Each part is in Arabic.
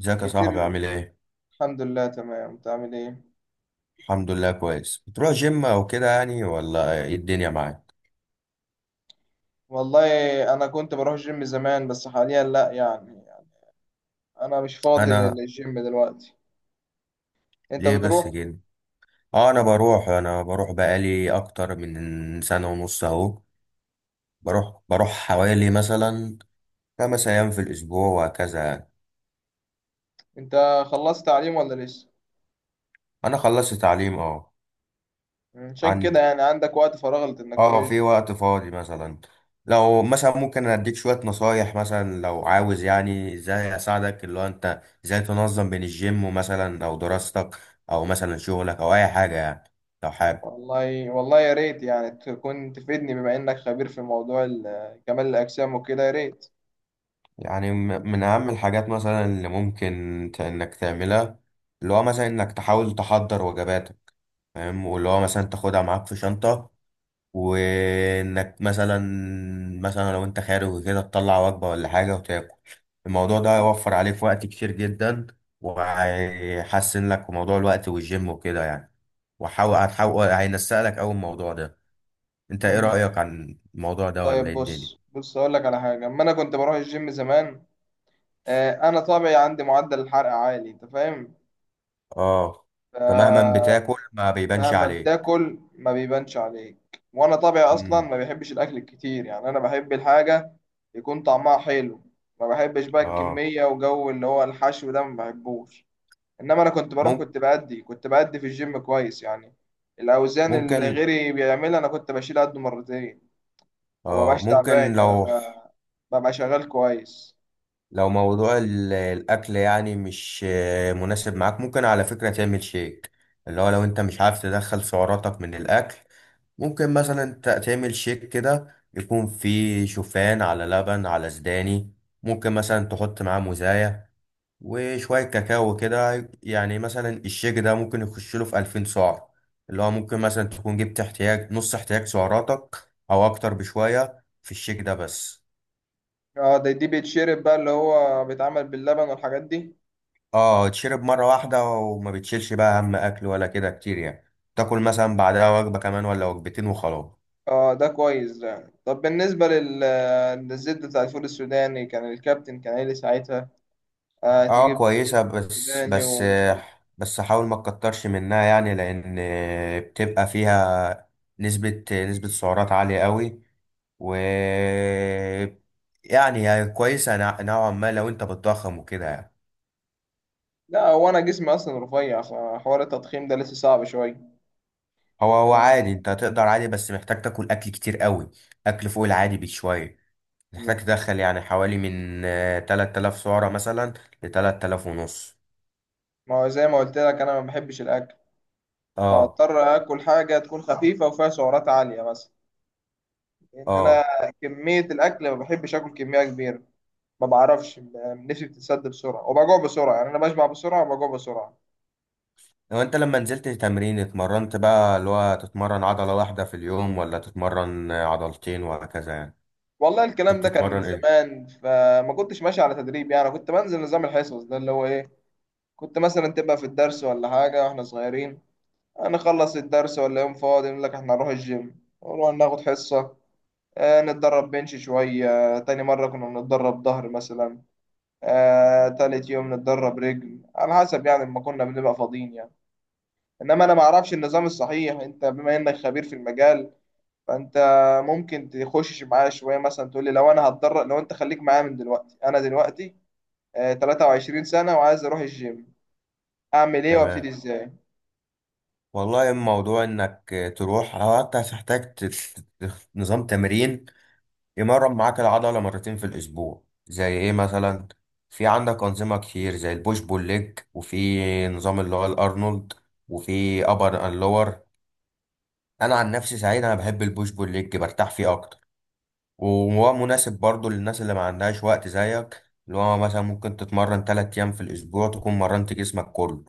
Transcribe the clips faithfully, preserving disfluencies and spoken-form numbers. ازيك يا كتير. صاحبي؟ عامل ايه؟ الحمد لله، تمام. انت عامل ايه؟ الحمد لله، كويس. بتروح جيم او كده يعني ولا ايه الدنيا معاك؟ والله. انا كنت بروح جيم زمان بس حاليا لا يعني, يعني انا مش فاضي لل- انا للجيم دلوقتي. انت ليه بس بتروح؟ كده؟ اه انا بروح، انا بروح بقالي اكتر من سنة ونص اهو. بروح بروح حوالي مثلا خمس ايام في الاسبوع وهكذا يعني. انت خلصت تعليم ولا لسه؟ انا خلصت تعليم اه. عشان عن كده يعني عندك وقت فراغ انك تروح اه في الجيم. وقت فاضي مثلا. لو مثلا ممكن اديك شوية نصايح، مثلا لو عاوز يعني ازاي اساعدك، اللي هو انت ازاي تنظم بين الجيم ومثلا او دراستك او مثلا شغلك او اي حاجة يعني، لو حابب. والله والله، يا ريت يعني تكون تفيدني بما انك خبير في موضوع ال- كمال الاجسام وكده، يا ريت. يعني م- من اهم الحاجات مثلا اللي ممكن ت- انك تعملها، اللي هو مثلا انك تحاول تحضر وجباتك، فاهم، واللي هو مثلا تاخدها معاك في شنطة، وانك مثلا مثلا لو انت خارج وكده تطلع وجبة ولا حاجة وتاكل. الموضوع ده هيوفر عليك وقت كتير جدا، وهيحسن لك في موضوع الوقت والجيم وكده يعني. وحاول هتحاول هينسق لك اول الموضوع ده. انت ايه مم. رأيك عن الموضوع ده ولا طيب، ايه الدنيا؟ بص بص، اقول لك على حاجه اما انا كنت بروح الجيم زمان. آه، انا طبعي عندي معدل الحرق عالي، انت فاهم. اه، فمهما بتاكل ما بيبانش مهما عليك. بتاكل ما بيبانش عليك، وانا طبيعي اصلا امم ما بيحبش الاكل الكتير، يعني انا بحب الحاجه يكون طعمها حلو. ما بحبش بقى اه. الكميه وجو اللي هو الحشو ده، ما بحبوش. انما انا كنت بروح، مم- كنت بأدي كنت بأدي في الجيم كويس يعني. الاوزان اللي ممكن، غيري بيعملها انا كنت بشيل قده مرتين، وما اه بقاش ممكن. تعبان يعني، لو انا ببقى شغال كويس. لو موضوع ال- الأكل يعني مش آه، مناسب معاك، ممكن على فكرة تعمل شيك، اللي هو لو أنت مش عارف تدخل سعراتك من الأكل. ممكن مثلا ت- تعمل شيك كده يكون فيه شوفان على لبن على سداني. ممكن مثلا تحط معاه موزاية وشوية كاكاو كده يعني. مثلا الشيك ده ممكن يخش له في ألفين سعر، اللي هو ممكن مثلا تكون جبت احتياج، نص احتياج سعراتك أو أكتر بشوية في الشيك ده بس. اه، ده دي بيتشرب بقى، اللي هو بيتعمل باللبن والحاجات دي. اه، تشرب مرة واحدة وما بتشيلش بقى هم أكل ولا كده كتير يعني. تاكل مثلا بعدها وجبة كمان ولا وجبتين وخلاص. اه، ده كويس ده يعني. طب بالنسبة لل... للزبدة بتاع الفول السوداني، كان الكابتن كان قايل لي ساعتها آه، اه تجيب زبدة كويسة، فول بس سوداني بس ومش عارف. بس حاول ما تكترش منها، يعني لأن بتبقى فيها نسبة نسبة سعرات عالية قوي، و يعني هي كويسة نوع- نوعا ما لو انت بتضخم وكده يعني. لا، هو أنا جسمي أصلا رفيع، فحوار التضخيم ده لسه صعب شوية. هو هو عادي، آه. انت تقدر عادي، بس محتاج تاكل أكل كتير قوي، أكل فوق العادي بشوية. مم. محتاج تدخل يعني حوالي من آه، تلات آلاف سعرة مثلا ل تلات آلاف ونص. ما هو زي ما قلت لك، أنا ما بحبش الأكل، اه. فهضطر آكل حاجة تكون خفيفة وفيها سعرات عالية مثلا. لأن أنا اه كمية الأكل ما بحبش آكل كمية كبيرة. ما بعرفش، نفسي بتتسد بسرعة وبجوع بسرعة، يعني أنا بشبع بسرعة وبجوع بسرعة. لو انت لما نزلت تمرين اتمرنت بقى، اللي هو تتمرن عضلة واحدة في اليوم ولا تتمرن آه، عضلتين وهكذا يعني؟ والله انت الكلام ده كان من بتتمرن ايه؟ زمان، فما كنتش ماشي على تدريب يعني، كنت بنزل نظام الحصص ده اللي هو ايه. كنت مثلا تبقى في الدرس ولا حاجة واحنا صغيرين، هنخلص الدرس ولا يوم فاضي نقول لك احنا هنروح الجيم، نروح ناخد حصة، آه نتدرب بنش شوية. تاني مرة كنا بنتدرب ظهر مثلا، آه تالت يوم نتدرب رجل، على حسب يعني، ما كنا بنبقى فاضيين يعني. انما انا ما اعرفش النظام الصحيح، انت بما انك خبير في المجال، فانت ممكن تخش معايا شويه مثلا تقول لي لو انا هتدرب. لو انت خليك معايا من دلوقتي، انا دلوقتي آه، تلاتة وعشرين سنه وعايز اروح الجيم، اعمل ايه وابتدي تمام. ازاي؟ والله الموضوع انك آه، تروح، او انت هتحتاج ت- ت- نظام تمرين يمرن معاك العضلة مرتين في الأسبوع، زي إيه مثلا؟ في عندك أنظمة كتير زي البوش بول ليج، وفي نظام اللي هو الأرنولد، وفي أبر أند لور. أنا عن نفسي سعيد، أنا بحب البوش بول ليج، برتاح فيه أكتر، وهو مناسب برضو للناس اللي ما عندهاش وقت زيك، اللي هو مثلا ممكن تتمرن تلات أيام في الأسبوع تكون مرنت جسمك كله،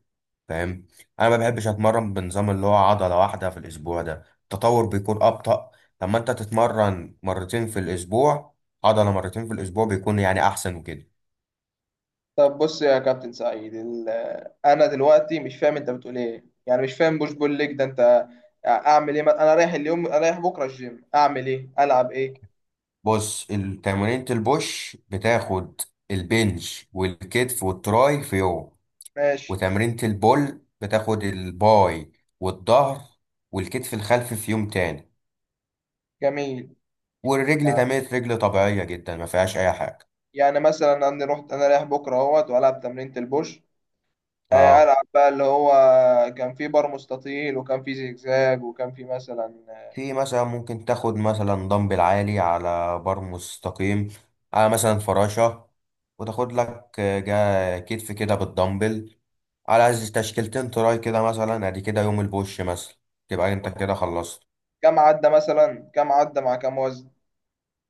فاهم. انا ما بحبش اتمرن بنظام اللي هو عضله واحده في الاسبوع، ده التطور بيكون ابطا. لما انت تتمرن مرتين في الاسبوع، عضله مرتين في الاسبوع، بيكون يعني احسن وكده. طب بص يا كابتن سعيد، ال- آه، انا دلوقتي مش فاهم انت بتقول ايه، يعني مش فاهم بوش بول ليج ده. انت آه، اعمل ايه؟ ما- انا رايح اليوم، أنا رايح بكره الجيم، اعمل ايه؟ العب ايه؟ بص، تمارين البوش بتاخد البنج والكتف والتراي في يوم، ماشي. وتمرينة البول بتاخد الباي والظهر والكتف الخلفي في يوم تاني، جميل. والرجل يعني تمرينة رجل طبيعية جدا ما فيهاش أي حاجة. يعني مثلا انا رحت انا رايح بكره اهوت والعب تمرينة البوش، آه، اه، ألعب بقى اللي هو كان في بار مستطيل، وكان في زجزاج، وكان في مثلا. في مثلا ممكن تاخد مثلا دمبل عالي على بار مستقيم، على مثلا فراشة، وتاخد لك آه، جا كتف كده بالدمبل، على تشكيلتين تراي كده مثلا، ادي كده يوم البوش مثلا، تبقى انت كده خلصت. كام عدى مثلا، كام عدى مع كام وزن؟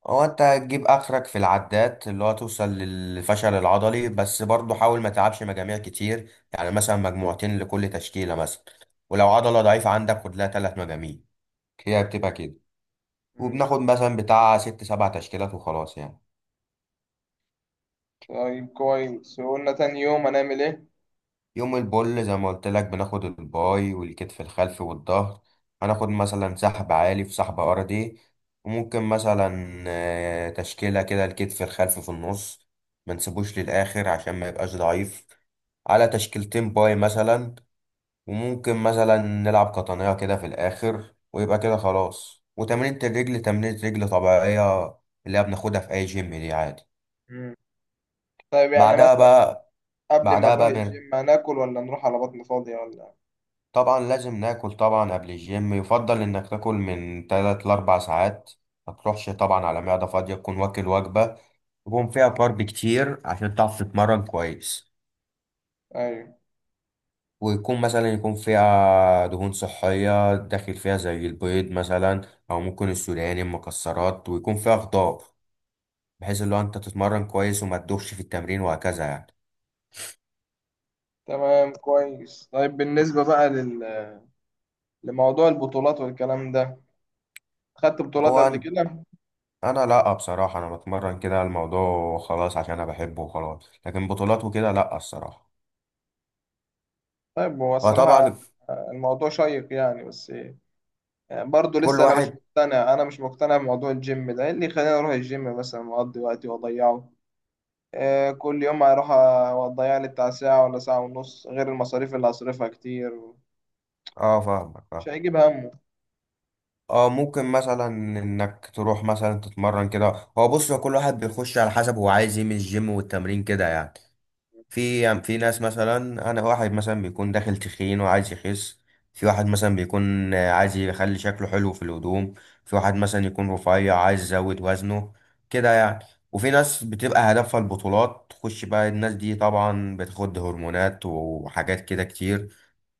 هو انت هتجيب اخرك في العدات، اللي هو توصل للفشل العضلي، بس برضه حاول ما تلعبش مجاميع كتير يعني، مثلا مجموعتين لكل تشكيلة مثلا، ولو عضلة ضعيفة عندك خد لها تلات مجاميع، هي بتبقى كده. مم. وبناخد مثلا بتاع ست سبع تشكيلات وخلاص يعني. طيب كويس. وقلنا تاني يوم هنعمل ايه؟ يوم البول زي ما قلت لك بناخد الباي والكتف الخلفي والظهر، هناخد مثلا سحب عالي في سحب ارضي، وممكن مثلا آه، تشكيلة كده الكتف الخلفي في النص، ما نسيبوش للآخر عشان ما يبقاش ضعيف، على تشكيلتين باي مثلا، وممكن مثلا نلعب قطنية كده في الآخر ويبقى كده خلاص. وتمرينة الرجل تمرينة رجل طبيعية، اللي هي بناخدها في أي جيم دي عادي. مم. طيب يعني بعدها مثلا بقى قبل ما بعدها نروح بقى الجيم هناكل ولا نروح على بطن فاضية ولا؟ طبعا لازم ناكل. طبعا قبل الجيم يفضل انك تاكل من تلاتة ل أربع ساعات، ما تروحش طبعا على معدة فاضية، تكون واكل وجبة يكون فيها كارب كتير عشان تعرف تتمرن كويس، ايوه. ويكون مثلا يكون فيها دهون صحية داخل فيها زي البيض مثلا، او ممكن السوداني، المكسرات، ويكون فيها خضار، بحيث اللي هو انت تتمرن كويس وما تدوخش في التمرين وهكذا يعني. تمام كويس. طيب بالنسبة بقى لل... لموضوع البطولات والكلام ده، خدت بطولات هو قبل أن- كده؟ انا لا بصراحة، انا بتمرن كده الموضوع خلاص عشان انا بحبه وخلاص، لكن بطولات وكده لا الصراحة. طيب هو الصراحة فطبعا آه، الموضوع شيق يعني، بس برضه كل لسه انا مش واحد، مقتنع. انا مش مقتنع بموضوع الجيم ده، إيه اللي يخليني اروح الجيم مثلا واقضي وقتي واضيعه؟ آه، كل يوم هروح أ- واضيع لي بتاع ساعة ولا ساعة ونص، غير المصاريف اللي هصرفها كتير، اه فاهمك مش اه. هيجيب همه. اه ممكن مثلا انك تروح مثلا تتمرن كده. هو بص هو كل واحد بيخش على حسب هو عايز ايه من الجيم والتمرين كده يعني. في يعني في ناس مثلا، انا واحد مثلا بيكون داخل تخين وعايز يخس، في واحد مثلا بيكون آه، عايز يخلي شكله حلو في الهدوم، في واحد مثلا يكون رفيع عايز يزود وزنه، كده يعني. وفي ناس بتبقى هدفها البطولات، تخش بقى الناس دي طبعا بتاخد هرمونات وحاجات كده كتير.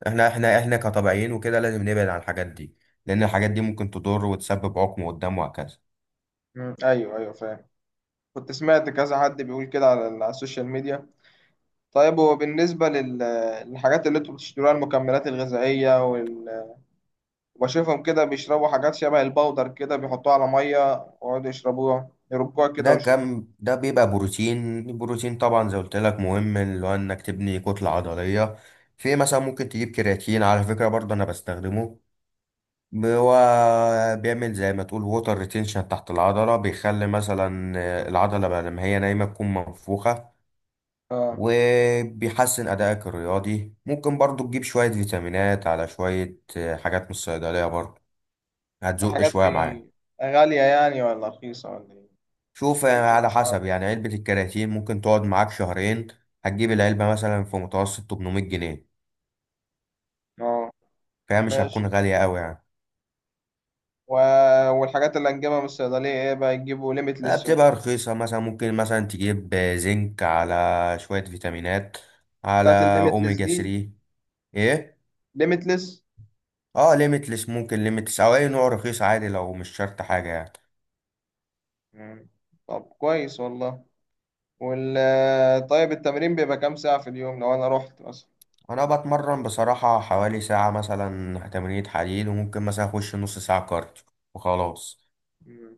احنا احنا احنا كطبيعيين وكده لازم نبعد عن الحاجات دي، لان الحاجات دي ممكن تضر وتسبب عقم قدام وهكذا. مم. ايوه ايوه، فاهم. كنت سمعت كذا حد بيقول كده على ال- على السوشيال ميديا. طيب هو بالنسبة لل- للحاجات اللي انتوا بتشتروها، المكملات الغذائية وال... وبشوفهم كده بيشربوا حاجات شبه البودر كده، بيحطوها على مية ويقعدوا يشربوها، يربوها كده ده كم ده بيبقى بروتين. البروتين طبعا زي قلت لك مهم، اللي هو انك تبني كتلة عضلية. في مثلا ممكن تجيب كرياتين، على فكرة برضه انا بستخدمه. ب- هو بيعمل زي ما تقول ووتر ريتينشن تحت العضلة، بيخلي مثلا العضلة بقى لما هي نايمة تكون منفوخة، ويشربوها. وبيحسن أدائك الرياضي. ممكن برضو تجيب شوية فيتامينات، على شوية حاجات من الصيدلية برضو، هتزق الحاجات شوية دي معاك. غالية يعني ولا رخيصة ولا ايه؟ شوف رينج على الأسعار. حسب يعني، علبة الكرياتين ممكن تقعد معاك شهرين. هتجيب العلبة مثلا في متوسط تمنمية جنيه، اه. فهي مش ماشي. هتكون غالية أوي يعني. و... والحاجات اللي هنجيبها من الصيدلية ايه بقى؟ يجيبوا لا، ليميتلس و بتبقى إيه؟ رخيصة، مثلا ممكن مثلا تجيب زنك، على شوية فيتامينات، على بتاعت الليميتلس أوميجا دي. تلاتة. إيه؟ ليميتلس. اه ليميتلس، ممكن ليميتلس أو أي نوع رخيص عادي لو مش شرط حاجة يعني. مم. طب كويس والله. وال طيب التمرين بيبقى كام ساعة في اليوم لو أنا رحت مثلا؟ أنا بتمرن بصراحة حوالي ساعة، مثلا تمرينة حديد، وممكن مثلا أخش نص ساعة كارديو وخلاص. مم.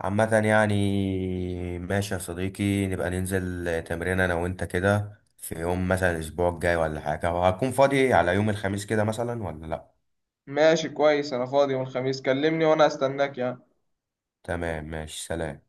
عامة يعني، ماشي يا صديقي، نبقى ننزل تمرين انا وانت كده في يوم مثلا الاسبوع الجاي ولا حاجة، وهكون فاضي على يوم الخميس كده مثلا، ولا لا؟ ماشي كويس. أنا فاضي يوم الخميس، كلمني وأنا هستناك يعني. تمام، ماشي، سلام.